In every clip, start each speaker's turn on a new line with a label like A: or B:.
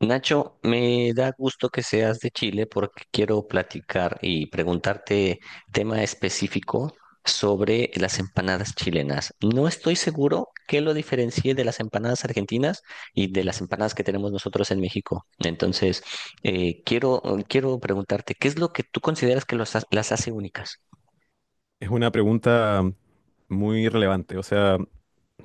A: Nacho, me da gusto que seas de Chile porque quiero platicar y preguntarte tema específico sobre las empanadas chilenas. No estoy seguro qué lo diferencie de las empanadas argentinas y de las empanadas que tenemos nosotros en México. Eh, quiero, quiero preguntarte, ¿qué es lo que tú consideras que las hace únicas?
B: Es una pregunta muy relevante. O sea,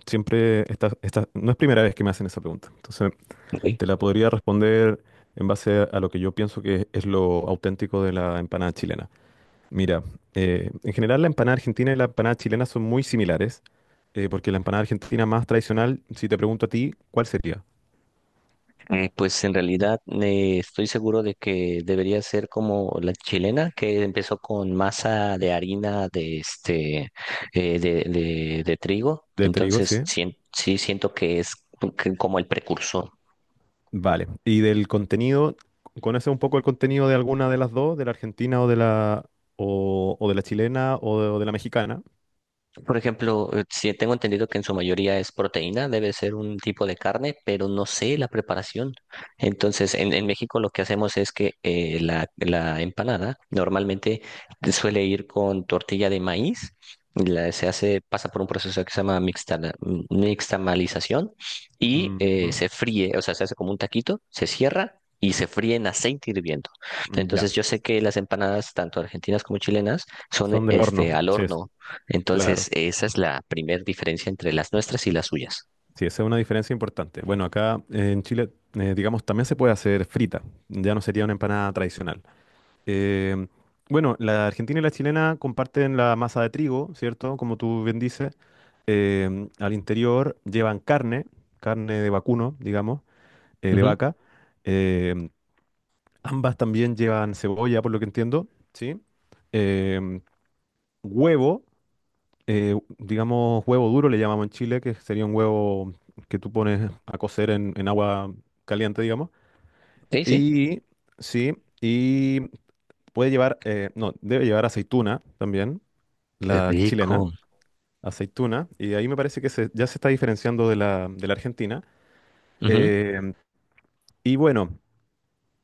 B: siempre no es primera vez que me hacen esa pregunta. Entonces,
A: Ok.
B: te la podría responder en base a lo que yo pienso que es lo auténtico de la empanada chilena. Mira, en general la empanada argentina y la empanada chilena son muy similares, porque la empanada argentina más tradicional, si te pregunto a ti, ¿cuál sería?
A: Pues en realidad estoy seguro de que debería ser como la chilena que empezó con masa de harina de de trigo.
B: De trigo, sí.
A: Sí siento que es que como el precursor.
B: Vale. Y del contenido, ¿conoces un poco el contenido de alguna de las dos, de la argentina o de la chilena o de la mexicana?
A: Por ejemplo, sí tengo entendido que en su mayoría es proteína, debe ser un tipo de carne, pero no sé la preparación. Entonces, en México lo que hacemos es que la empanada normalmente suele ir con tortilla de maíz, se hace, pasa por un proceso que se llama mixtamalización y
B: Ujú.
A: se fríe, o sea, se hace como un taquito, se cierra. Y se fríe en aceite hirviendo.
B: Mm. Ya,
A: Entonces, yo sé que las empanadas, tanto argentinas como chilenas, son
B: son de
A: este,
B: horno,
A: al
B: sí,
A: horno.
B: claro.
A: Entonces, esa es la primera diferencia entre las nuestras y las suyas.
B: Sí, esa es una diferencia importante. Bueno, acá en Chile, digamos, también se puede hacer frita, ya no sería una empanada tradicional. Eh, bueno, la argentina y la chilena comparten la masa de trigo, ¿cierto? Como tú bien dices. Al interior llevan carne, carne de vacuno, digamos, de
A: Ujú.
B: vaca. Em, Ambas también llevan cebolla, por lo que entiendo, ¿sí? Em, Huevo. Digamos, huevo duro le llamamos en Chile, que sería un huevo que tú pones a cocer en agua caliente, digamos.
A: Sí, sí.
B: Y sí, y puede llevar, no, debe llevar aceituna también,
A: Qué
B: la chilena,
A: rico.
B: aceituna, y ahí me parece que ya se está diferenciando de la argentina.
A: Ujú.
B: Eh, y bueno.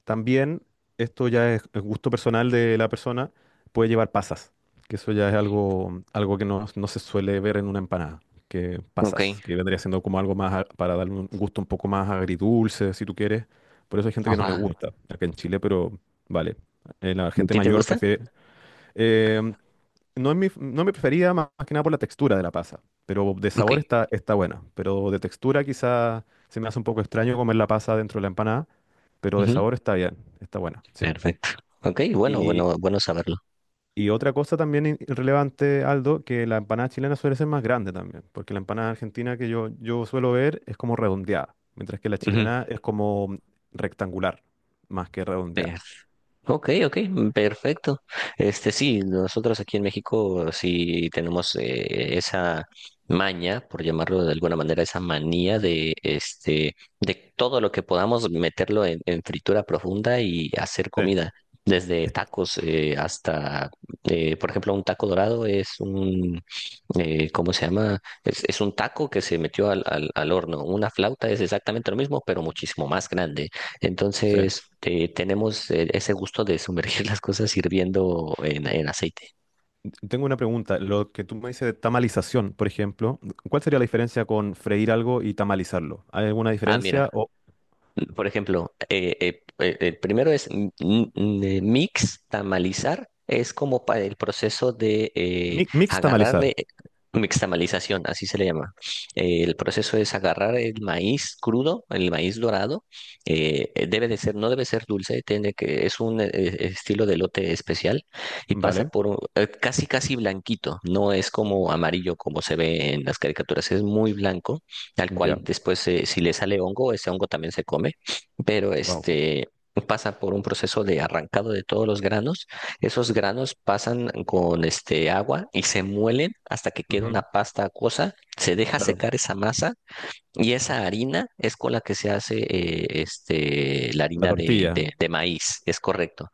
B: También, esto ya es gusto personal de la persona, puede llevar pasas, que eso ya es algo que no se suele ver en una empanada, que pasas,
A: Ok.
B: que vendría siendo como algo más para darle un gusto un poco más agridulce, si tú quieres. Por eso hay gente que no les
A: Ajá.
B: gusta acá en Chile, pero vale. La
A: ¿A
B: gente
A: ti te
B: mayor
A: gusta?
B: prefiere. No es mi preferida más que nada por la textura de la pasa, pero de
A: Ok.
B: sabor está buena. Pero de textura quizá se me hace un poco extraño comer la pasa dentro de la empanada, pero de
A: Ujú.
B: sabor está bien, está buena, sí.
A: Perfecto. Ok, bueno,
B: Y,
A: bueno, bueno saberlo.
B: y otra cosa también relevante, Aldo, que la empanada chilena suele ser más grande también, porque la empanada argentina que yo suelo ver es como redondeada, mientras que la
A: Ujú.
B: chilena es como rectangular, más que
A: Sí.
B: redondeada.
A: Ok, ok, perfecto. Este sí, nosotros aquí en México sí tenemos esa maña, por llamarlo de alguna manera, esa manía de este de todo lo que podamos meterlo en fritura profunda y hacer
B: Sí,
A: comida, desde
B: es-
A: tacos hasta, por ejemplo, un taco dorado es un ¿cómo se llama? Es un taco que se metió al horno. Una flauta es exactamente lo mismo, pero muchísimo más grande.
B: sí.
A: Entonces, tenemos ese gusto de sumergir las cosas hirviendo en aceite.
B: Tengo una pregunta. Lo que tú me dices de tamalización, por ejemplo, ¿cuál sería la diferencia con freír algo y tamalizarlo? ¿Hay alguna
A: Ah, mira,
B: diferencia? O
A: por ejemplo, el primero es mix, tamalizar, es como para el proceso de
B: mix tamalizar,
A: agarrarle, mixtamalización, así se le llama. El proceso es agarrar el maíz crudo, el maíz dorado, debe de ser, no debe ser dulce, tiene que, es un estilo de lote especial y
B: ¿vale?
A: casi casi blanquito, no es como amarillo como se ve en las caricaturas, es muy blanco al
B: Ya,
A: cual después si le sale hongo, ese hongo también se come, pero
B: wow.
A: este pasa por un proceso de arrancado de todos los granos. Esos granos pasan con este agua y se muelen hasta que queda una pasta acuosa, se deja
B: Claro,
A: secar esa masa y esa harina es con la que se hace la
B: la
A: harina
B: tortilla,
A: de maíz, es correcto,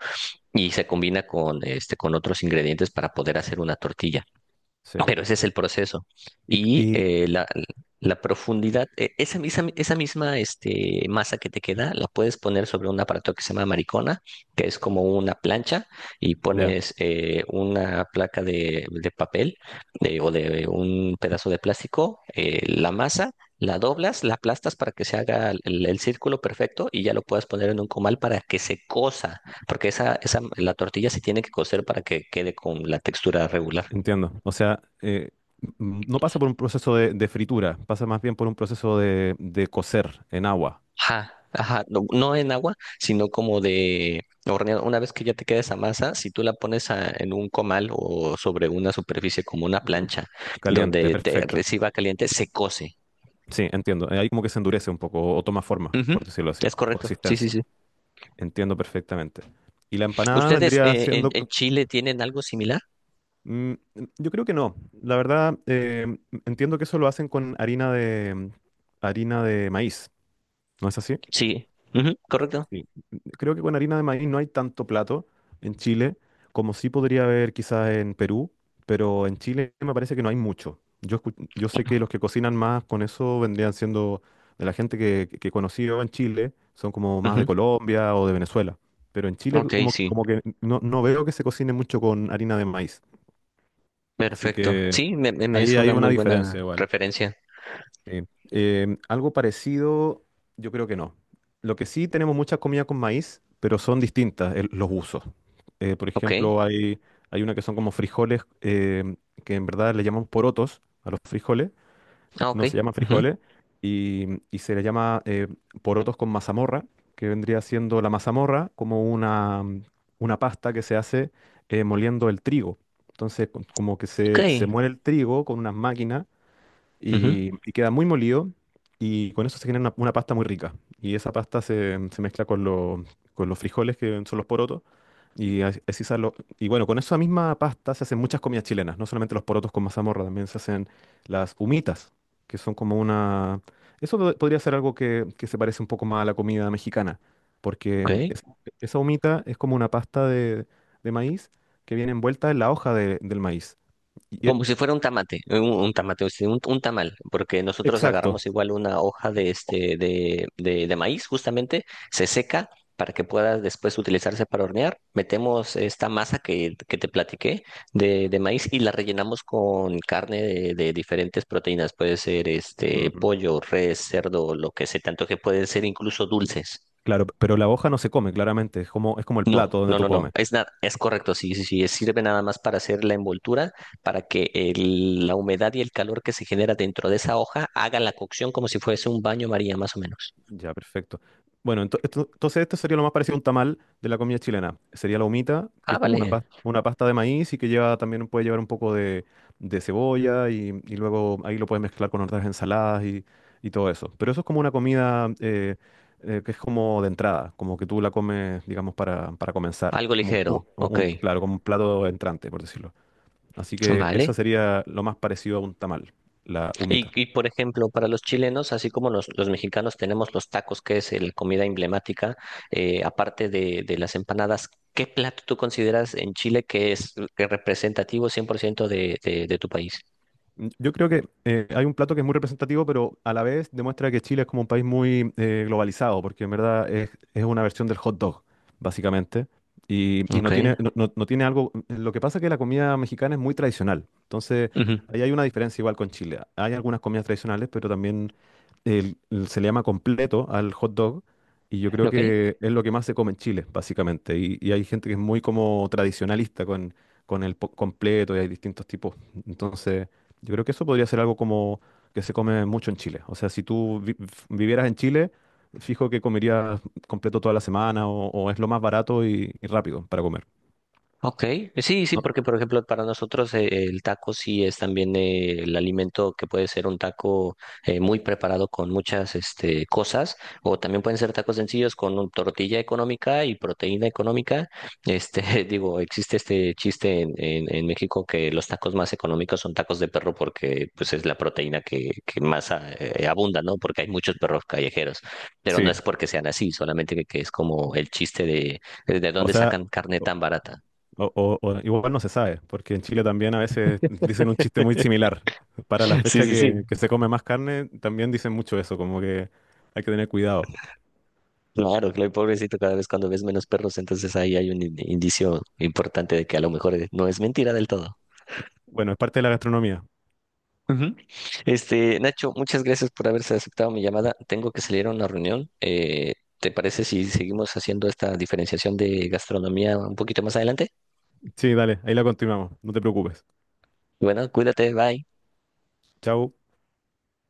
A: y se combina con este con otros ingredientes para poder hacer una tortilla.
B: sí.
A: No, pero ese es el proceso.
B: Y,
A: Y
B: y-
A: la profundidad, esa misma este, masa que te queda, la puedes poner sobre un aparato que se llama maricona, que es como una plancha, y
B: ya,
A: pones una placa de papel o de un pedazo de plástico, la masa, la doblas, la aplastas para que se haga el círculo perfecto y ya lo puedas poner en un comal para que se cosa, porque la tortilla se tiene que cocer para que quede con la textura regular.
B: entiendo. O sea, no pasa por un proceso de, fritura, pasa más bien por un proceso de, cocer en agua
A: Ajá, ajá, no, no en agua, sino como de horneado. Una vez que ya te queda esa masa, si tú en un comal o sobre una superficie como una
B: ca-
A: plancha
B: caliente,
A: donde te
B: perfecto.
A: reciba caliente, se cose.
B: Sí, entiendo. Ahí como que se endurece un poco o toma forma,
A: Ujú,
B: por decirlo así,
A: es correcto, sí, sí,
B: consistencia.
A: sí.
B: Entiendo perfectamente. Y la empanada
A: ¿Ustedes
B: vendría siendo...
A: en Chile tienen algo similar?
B: mm, yo creo que no. La verdad, entiendo que eso lo hacen con harina harina de maíz. ¿No es así?
A: Sí, ujú, correcto.
B: Sí. Creo que con harina de maíz no hay tanto plato en Chile como sí podría haber quizás en Perú, pero en Chile me parece que no hay mucho. Yo sé que los que cocinan más con eso vendrían siendo de la gente que conocí yo en Chile, son como más de
A: Ujú,
B: Colombia o de Venezuela, pero en Chile
A: ok, sí,
B: como que no veo que se cocine mucho con harina de maíz, así
A: perfecto.
B: que
A: Sí, me es
B: ahí hay
A: una
B: una
A: muy
B: diferencia
A: buena
B: igual.
A: referencia.
B: Sí. Algo parecido, yo creo que no. Lo que sí tenemos mucha comida con maíz, pero son distintas los usos. Por
A: Ok,
B: ejemplo, hay una que son como frijoles, em, que en verdad le llamamos porotos a los frijoles,
A: ah, ok.
B: no se llaman
A: Ujú,
B: frijoles, y, y se le llama porotos con mazamorra, que vendría siendo la mazamorra como una, una pasta que se hace moliendo el trigo. Entonces, como que
A: ok,
B: se muele el trigo con unas máquinas
A: ujú,
B: y queda muy molido y con eso se genera una pasta muy rica. Y esa pasta se mezcla con, con los frijoles, que son los porotos, y así sale. Y bueno, con esa misma pasta se hacen muchas comidas chilenas, no solamente los porotos con mazamorra, también se hacen las humitas, que son como una... Eso podría ser algo que se parece un poco más a la comida mexicana, porque
A: ok.
B: esa humita es como una pasta de, maíz que viene envuelta en la hoja del maíz. Y- y-
A: Como si fuera un tamate, un tamate, o sea, un tamal, porque nosotros
B: exacto.
A: agarramos igual una hoja de este de maíz, justamente, se seca para que pueda después utilizarse para hornear. Metemos esta masa que te platiqué de maíz y la rellenamos con carne de diferentes proteínas. Puede ser
B: Mm,
A: este
B: mm.
A: pollo, res, cerdo, lo que se tanto que pueden ser incluso dulces.
B: Claro, pero la hoja no se come, claramente. Es como el plato
A: No,
B: donde
A: no,
B: tú
A: no, no.
B: comes.
A: Es nada, es correcto. Sí, sí, sí. Sirve nada más para hacer la envoltura, para que la humedad y el calor que se genera dentro de esa hoja haga la cocción como si fuese un baño María, más o menos.
B: Ya, perfecto. Bueno, entonces esto sería lo más parecido a un tamal de la comida chilena. Sería la humita, que
A: Ah,
B: es como una
A: vale.
B: pasta, una pasta de maíz y que lleva también puede llevar un poco de, cebolla y luego ahí lo puedes mezclar con otras ensaladas y todo eso. Pero eso es como una comida que es como de entrada, como que tú la comes, digamos, para comenzar.
A: Algo
B: Como,
A: ligero. Ok.
B: claro, como un plato entrante, por decirlo. Así que esa
A: Vale.
B: sería lo más parecido a un tamal, la
A: Y,
B: humita.
A: y por ejemplo, para los chilenos, así como los mexicanos tenemos los tacos, que es la comida emblemática, aparte de las empanadas, ¿qué plato tú consideras en Chile que es representativo 100% de tu país?
B: Yo creo que hay un plato que es muy representativo, pero a la vez demuestra que Chile es como un país muy globalizado, porque en verdad es una versión del hot dog, básicamente, y
A: Ok.
B: no tiene, no tiene algo... Lo que pasa es que la comida mexicana es muy tradicional, entonces
A: Ujú.
B: ahí hay una diferencia igual con Chile. Hay algunas comidas tradicionales, pero también se le llama completo al hot dog y yo creo
A: Ok.
B: que es lo que más se come en Chile, básicamente. Y hay gente que es muy como tradicionalista con, el completo y hay distintos tipos. Entonces, yo creo que eso podría ser algo como que, se come mucho en Chile. O sea, si tú vivieras en Chile, fijo que comerías completo toda la semana o es lo más barato y rápido para comer.
A: Ok, sí, sí,
B: ¿No?
A: porque por ejemplo para nosotros el taco sí es también el alimento que puede ser un taco muy preparado con muchas este, cosas o también pueden ser tacos sencillos con tortilla económica y proteína económica. Este, digo, existe este chiste en México que los tacos más económicos son tacos de perro porque pues es la proteína que más abunda, ¿no? Porque hay muchos perros callejeros, pero no
B: Sí,
A: es porque sean así, solamente que es como el chiste de
B: o
A: dónde
B: sea...
A: sacan carne tan barata.
B: O, o igual no se sabe, porque en Chile también a veces dicen un chiste muy similar. Para
A: Sí,
B: la fecha
A: sí, sí.
B: que se come más carne, también dicen mucho eso, como que hay que tener cuidado.
A: Claro, claro, pobrecito, cada vez cuando ves menos perros, entonces ahí hay un indicio importante de que a lo mejor no es mentira del todo.
B: Bueno, es parte de la gastronomía.
A: Ujú. Este, Nacho, muchas gracias por haberse aceptado mi llamada. Tengo que salir a una reunión. ¿Te parece si seguimos haciendo esta diferenciación de gastronomía un poquito más adelante?
B: Sí, dale, ahí la continuamos, no te preocupes.
A: Bueno, cuídate, bye.
B: Chau.